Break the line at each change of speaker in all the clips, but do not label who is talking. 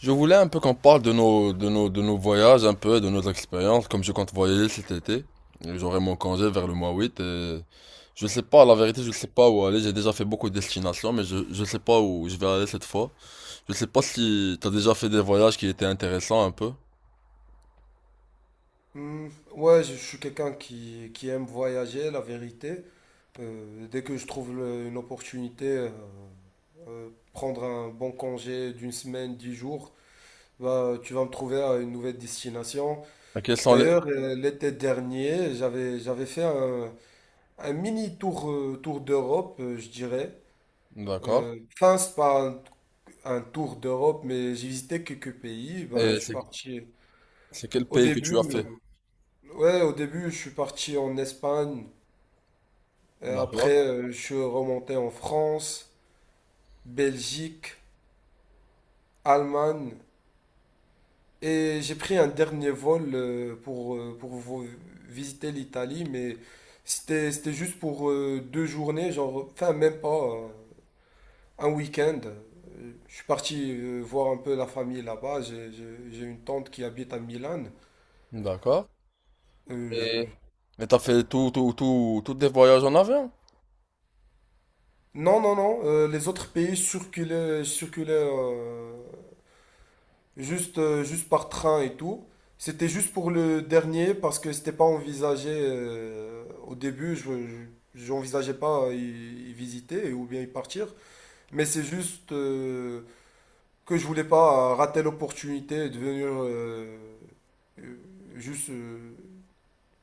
Je voulais un peu qu'on parle de nos voyages, un peu, de nos expériences, comme je compte voyager cet été. J'aurai mon congé vers le mois 8 et je sais pas, la vérité, je sais pas où aller. J'ai déjà fait beaucoup de destinations, mais je sais pas où je vais aller cette fois. Je sais pas si t'as déjà fait des voyages qui étaient intéressants un peu.
Hmm, ouais, je suis quelqu'un qui aime voyager, la vérité. Dès que je trouve une opportunité, prendre un bon congé d'une semaine, 10 jours, bah, tu vas me trouver à une nouvelle destination.
Et quels sont les...
D'ailleurs, l'été dernier, j'avais fait un mini tour, tour d'Europe, je dirais.
D'accord.
Enfin, c'est pas un tour d'Europe, mais j'ai visité quelques pays. Bah, je
Et
suis
c'est,
parti
c'est quel
au
pays que tu as
début,
fait?
ouais, au début, je suis parti en Espagne. Et
D'accord.
après, je suis remonté en France, Belgique, Allemagne. Et j'ai pris un dernier vol pour visiter l'Italie, mais c'était juste pour 2 journées, genre, enfin même pas, un week-end. Je suis parti voir un peu la famille là-bas. J'ai une tante qui habite à Milan.
D'accord.
Euh, je-
Et... Et t'as fait tous des voyages en avion?
Non, non, non. Les autres pays circulaient juste, juste par train et tout. C'était juste pour le dernier parce que c'était pas envisagé au début. J'envisageais pas y visiter ou bien y partir. Mais c'est juste que je voulais pas rater l'opportunité de venir euh, juste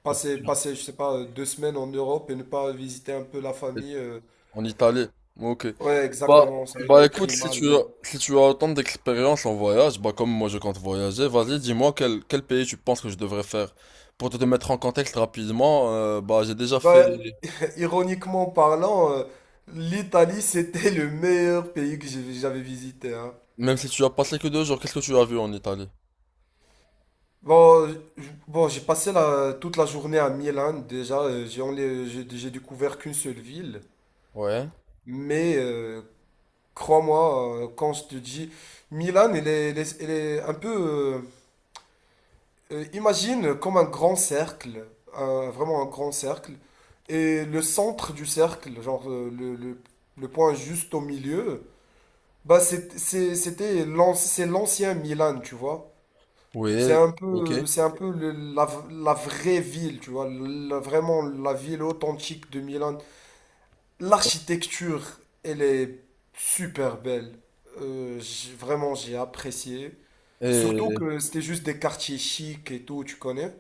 passer, je sais pas, 2 semaines en Europe et ne pas visiter un peu la famille.
En Italie. Ok.
Ouais,
Bah,
exactement, ça a
bah
été
écoute,
pris
si tu
mal.
as, si tu as autant d'expérience en voyage, bah comme moi je compte voyager, vas-y, dis-moi quel pays tu penses que je devrais faire. Pour te mettre en contexte rapidement, bah j'ai déjà fait...
Bah, ironiquement parlant, l'Italie, c'était le meilleur pays que j'avais visité, hein.
Même si tu as passé que 2 jours, qu'est-ce que tu as vu en Italie?
Bon, je- j'ai passé toute la journée à Milan. Déjà, j'ai enlé- j'ai découvert qu'une seule ville.
Ouais.
Mais crois-moi, quand je te dis, Milan, elle est un peu. Imagine comme un grand cercle, vraiment un grand cercle. Et le centre du cercle, genre le point juste au milieu. Bah c'est l'ancien Milan, tu vois.
Oui, ok.
C'est un peu la vraie ville, tu vois. Vraiment la ville authentique de Milan. L'architecture, elle est super belle. Vraiment, j'ai apprécié. Surtout
Et
que c'était juste des quartiers chics et tout, tu connais.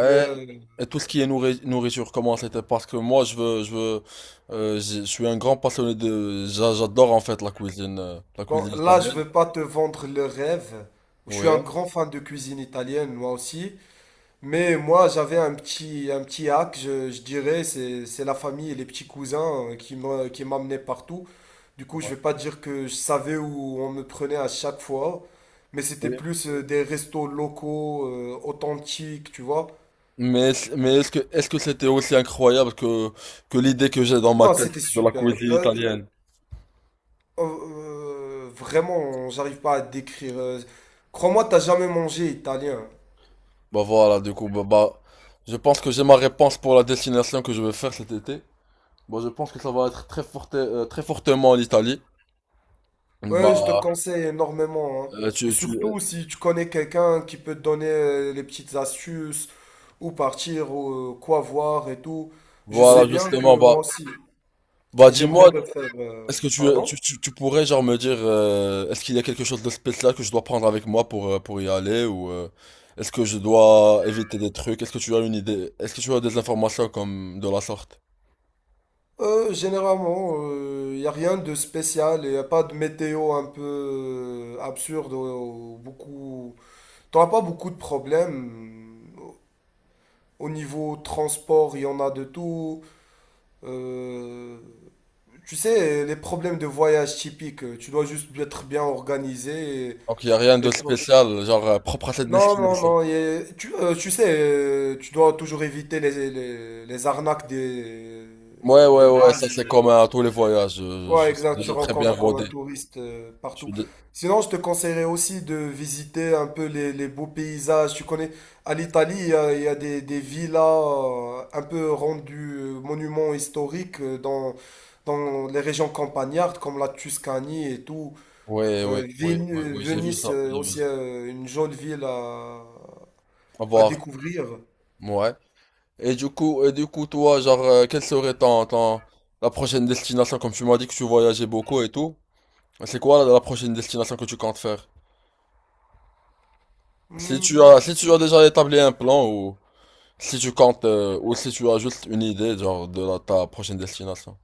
Mais euh,
Et tout ce qui est nourriture, comment c'était? Parce que moi, je suis un grand passionné j'adore en fait la
bon,
cuisine
là, je
italienne.
veux pas te vendre le rêve. Je suis
Oui.
un grand fan de cuisine italienne, moi aussi. Mais moi, j'avais un petit hack, je dirais, c'est la famille et les petits cousins qui m'amenaient partout. Du coup, je
Ouais.
vais pas dire que je savais où on me prenait à chaque fois, mais c'était
Oui.
plus des restos locaux, authentiques, tu vois.
Mais est-ce que c'était aussi incroyable que l'idée que j'ai dans ma
Non,
tête
c'était
de la
super.
cuisine italienne?
Euh, vraiment, j'arrive pas à décrire. Crois-moi, t'as jamais mangé italien.
Bah voilà, du coup, je pense que j'ai ma réponse pour la destination que je vais faire cet été. Bon, je pense que ça va être très fortement l'Italie.
Ouais, je te
Bah,
conseille énormément, hein.
euh,
Et
tu, tu, euh,
surtout si tu connais quelqu'un qui peut te donner les petites astuces, où partir, ou quoi voir et tout. Je sais
voilà,
bien que
justement,
moi
bah,
aussi,
bah
j'aimerais
dis-moi.
refaire. euh,
Est-ce que tu, euh,
pardon?
tu, tu- tu pourrais genre me dire est-ce qu'il y a quelque chose de spécial que je dois prendre avec moi pour y aller ou est-ce que je dois éviter des trucs? Est-ce que tu as une idée? Est-ce que tu as des informations comme de la sorte?
Généralement, il n'y a rien de spécial, il n'y a pas de météo un peu absurde, beaucoup. T'auras pas beaucoup de problèmes. Au niveau transport, il y en a de tout. Euh, Tu sais, les problèmes de voyage typiques, tu dois juste être bien organisé. et-
Donc il y a rien
et
de
tu dois-
spécial genre propre à cette
Non, non,
destination.
non. Tu sais, tu dois toujours éviter les, les arnaques
Ouais, ouais,
de
ouais,
base.
ça c'est commun à tous les voyages. Je,
Ouais,
je suis
exact, tu
déjà très bien
rencontres comme un
rodé.
touriste
Je
partout.
suis dé-
Sinon, je te conseillerais aussi de visiter un peu les beaux paysages. Tu connais, à l'Italie, il y a des villas un peu rendues monuments historiques dans les régions campagnardes comme la Tuscanie et tout.
Ouais, ouais, ouais, ouais, ouais, j'ai vu
Venise,
ça, j'ai vu
aussi
ça.
une jolie ville à,
Au
à
revoir.
découvrir.
Ouais. Et du coup, toi, genre, quelle serait la prochaine destination? Comme tu m'as dit que tu voyageais beaucoup et tout, c'est quoi la prochaine destination que tu comptes faire? Si
Hmm,
tu as, si tu as déjà établi un plan ou si tu as juste une idée, genre, ta prochaine destination.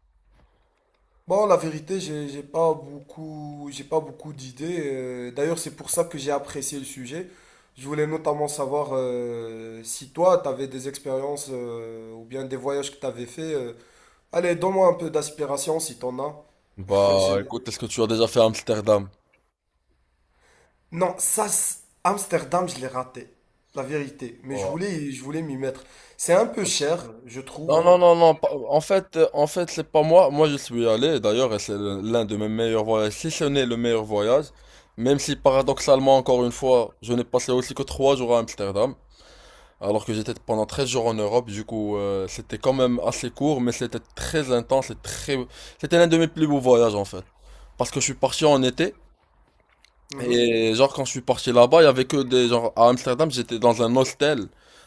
bon, la vérité, j'ai pas beaucoup d'idées. D'ailleurs, c'est pour ça que j'ai apprécié le sujet. Je voulais notamment savoir si toi, tu avais des expériences ou bien des voyages que tu avais fait. Allez, donne-moi un peu d'aspiration si t'en as.
Bah,
J'ai-
écoute, est-ce que tu as déjà fait Amsterdam?
Non, Amsterdam, je l'ai raté. La vérité. Mais je
Ouais.
voulais, je voulais m'y mettre. C'est un peu cher, je trouve.
Non, non, non, non. En fait, c'est pas moi. Moi, je suis allé, d'ailleurs, et c'est l'un de mes meilleurs voyages, si ce n'est le meilleur voyage. Même si, paradoxalement, encore une fois, je n'ai passé aussi que 3 jours à Amsterdam, alors que j'étais pendant 13 jours en Europe. Du coup, c'était quand même assez court, mais c'était très intense et très... C'était l'un de mes plus beaux voyages, en fait. Parce que je suis parti en été.
Mhm.
Et genre quand je suis parti là-bas, il y avait que des genre à Amsterdam, j'étais dans un hostel,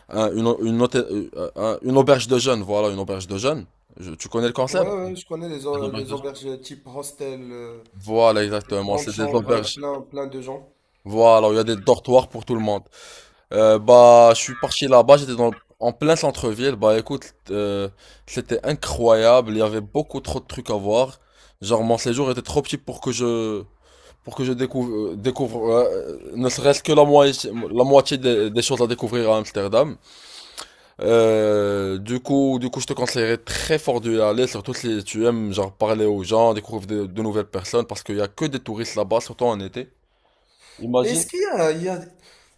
un- une, une, hôtel- une auberge de jeunes, voilà, une auberge de jeunes. Tu connais le
Ouais,
concept?
ouais, je connais les auberges type hostel,
Voilà,
les
exactement,
grandes
c'est des
avec
auberges.
plein, plein de gens.
Voilà, il y a des dortoirs pour tout le monde. Bah, je suis parti là-bas, j'étais dans en plein centre-ville. Bah, écoute, c'était incroyable. Il y avait beaucoup trop de trucs à voir. Genre, mon séjour était trop petit pour que je découvre, ne serait-ce que la moitié des choses à découvrir à Amsterdam. Du coup, je te conseillerais très fort d'y aller, surtout si tu aimes genre parler aux gens, découvrir de nouvelles personnes, parce qu'il y a que des touristes là-bas, surtout en été.
Mais
Imagine.
est-ce qu'il y a, il y a-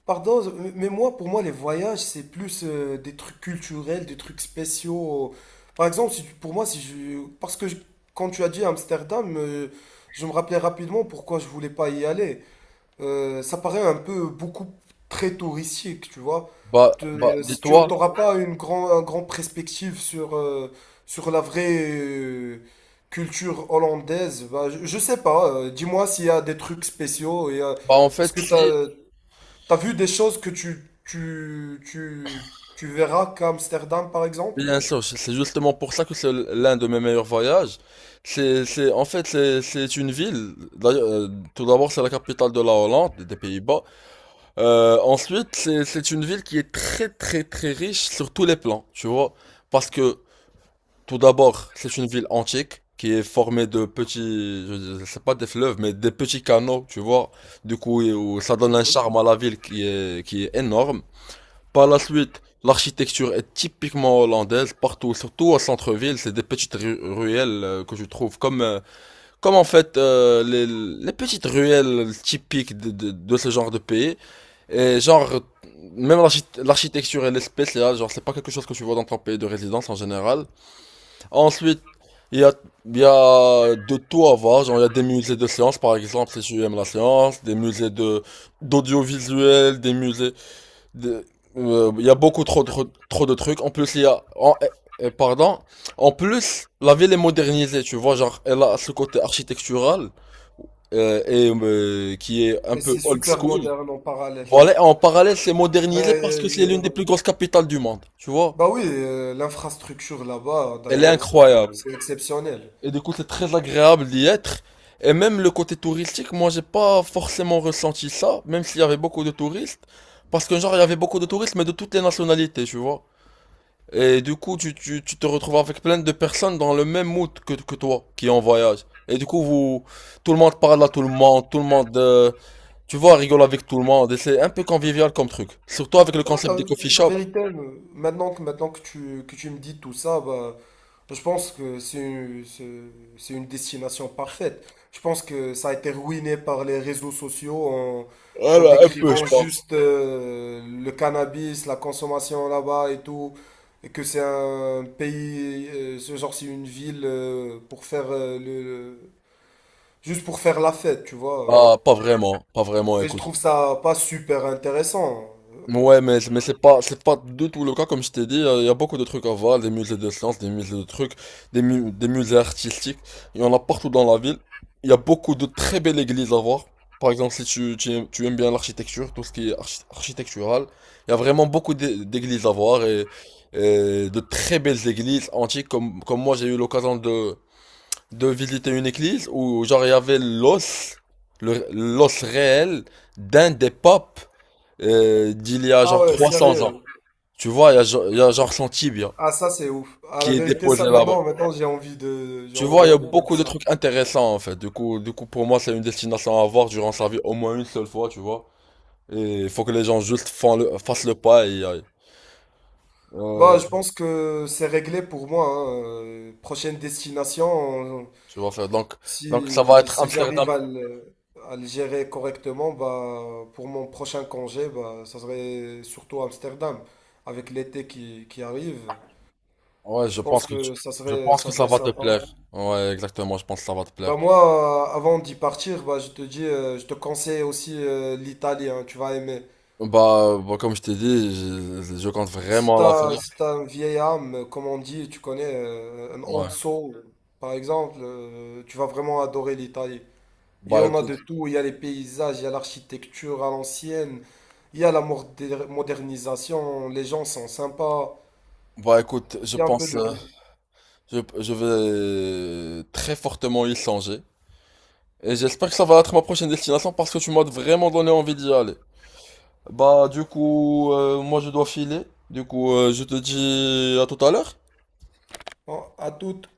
Pardon, mais moi, pour moi, les voyages, c'est plus des trucs culturels, des trucs spéciaux. Par exemple, si tu- pour moi, si je. Quand tu as dit Amsterdam, je me rappelais rapidement pourquoi je voulais pas y aller. Ça paraît un peu beaucoup très touristique, tu vois.
Bah,
Si tu
dis-toi,
n'auras pas un grand perspective sur la vraie culture hollandaise, bah, je sais pas. Dis-moi s'il y a des trucs spéciaux.
bah en
Est-ce
fait,
que
si,
t'as, T'as vu des choses que tu verras qu'à Amsterdam, par exemple?
bien sûr, c'est justement pour ça que c'est l'un de mes meilleurs voyages. En fait, c'est une ville. D'ailleurs, tout d'abord, c'est la capitale de la Hollande, des Pays-Bas. Ensuite, c'est une ville qui est très très très riche sur tous les plans, tu vois. Parce que tout d'abord, c'est une ville antique qui est formée de petits, je sais pas des fleuves, mais des petits canaux, tu vois. Du coup, où ça donne un
Mhm.
charme à la ville qui est énorme. Par la suite, l'architecture est typiquement hollandaise partout, surtout au centre-ville. C'est des petites ruelles que je trouve comme en fait les petites ruelles typiques de ce genre de pays. Et genre, même l'architecture et l'espèce, là, genre, c'est pas quelque chose que tu vois dans ton pays de résidence en général. Ensuite, il y a, il y a de tout à voir. Genre, il y a des musées de sciences, par exemple, si tu aimes la science, des musées d'audiovisuel, des musées de, il y a beaucoup trop de trucs. En plus, il y a, en- eh, eh, pardon. En plus, la ville est modernisée, tu vois, genre, elle a ce côté architectural, et qui est un
Mais
peu
c'est
old
super
school.
moderne en parallèle.
Voilà, en parallèle, c'est modernisé parce
Ouais,
que c'est
je
l'une des
vois.
plus grosses capitales du monde, tu vois.
Bah oui, l'infrastructure là-bas,
Elle est
d'ailleurs, c'est
incroyable.
c'est exceptionnel.
Et du coup, c'est très agréable d'y être. Et même le côté touristique, moi, j'ai pas forcément ressenti ça, même s'il y avait beaucoup de touristes. Parce que, genre, il y avait beaucoup de touristes, mais de toutes les nationalités, tu vois. Et du coup, tu te retrouves avec plein de personnes dans le même mood que toi, qui est en voyage. Et du coup, tout le monde parle à tout le monde, tu vois, rigole avec tout le monde. Et c'est un peu convivial comme truc. Surtout avec le
Ouais,
concept
la,
des coffee
la
shops.
vérité, maintenant que que tu me dis tout ça, bah, je pense que c'est une destination parfaite. Je pense que ça a été ruiné par les réseaux sociaux en
Voilà, un peu, je
décrivant
pense.
juste le cannabis, la consommation là-bas et tout, et que c'est un pays, ce genre c'est une ville pour faire juste pour faire la fête, tu vois.
Ah, pas vraiment, pas vraiment,
Et je
écoute.
trouve ça pas super intéressant.
Ouais, mais c'est pas du tout le cas, comme je t'ai dit. Il y a beaucoup de trucs à voir, des musées de sciences, des musées de trucs, des musées artistiques. Il y en a partout dans la ville. Il y a beaucoup de très belles églises à voir. Par exemple, si tu aimes bien l'architecture, tout ce qui est architectural, il y a vraiment beaucoup d'églises à voir et de très belles églises antiques, comme moi j'ai eu l'occasion de visiter une église où genre il y avait l'os, l'os réel d'un des papes d'il y a
Ah
genre
ouais,
300 ans.
sérieux.
Tu vois, il y a genre son tibia
Ah ça c'est ouf. À la
qui est
vérité,
déposé
ça,
là-bas.
maintenant, j'ai envie de j'ai
Tu vois, il y
envie
a
de faire
beaucoup de
ça.
trucs intéressants en fait. Du coup, pour moi, c'est une destination à voir durant sa vie au moins une seule fois, tu vois. Et il faut que les gens juste fassent le pas et y aillent.
Bah
Euh,
je pense que c'est réglé pour moi, hein. Prochaine destination
tu vas faire. Donc, ça va
si
être
si j'arrive
Amsterdam.
à le gérer correctement bah pour mon prochain congé bah ça serait surtout Amsterdam avec l'été qui arrive.
Ouais,
Je pense que ça
je
serait
pense que
ça
ça
serait
va te
sympa.
plaire. Ouais, exactement, je pense que ça va te plaire.
Bah moi avant d'y partir bah je te conseille aussi l'Italie hein, tu vas aimer.
Bah, comme je t'ai dit, je compte
Si
vraiment la faire.
t'as, si t'as une vieille âme, comme on dit, tu connais, un old
Ouais.
soul, par exemple, tu vas vraiment adorer l'Italie. Il y
Bah
en a de
écoute,
tout, il y a les paysages, il y a l'architecture à l'ancienne, il y a la modernisation, les gens sont sympas,
bah écoute, je
il y a un peu
pense,
de tout.
je vais très fortement y songer. Et j'espère que ça va être ma prochaine destination parce que tu m'as vraiment donné envie d'y aller. Bah du coup, moi je dois filer. Du coup, je te dis à tout à l'heure.
Bon, à toutes.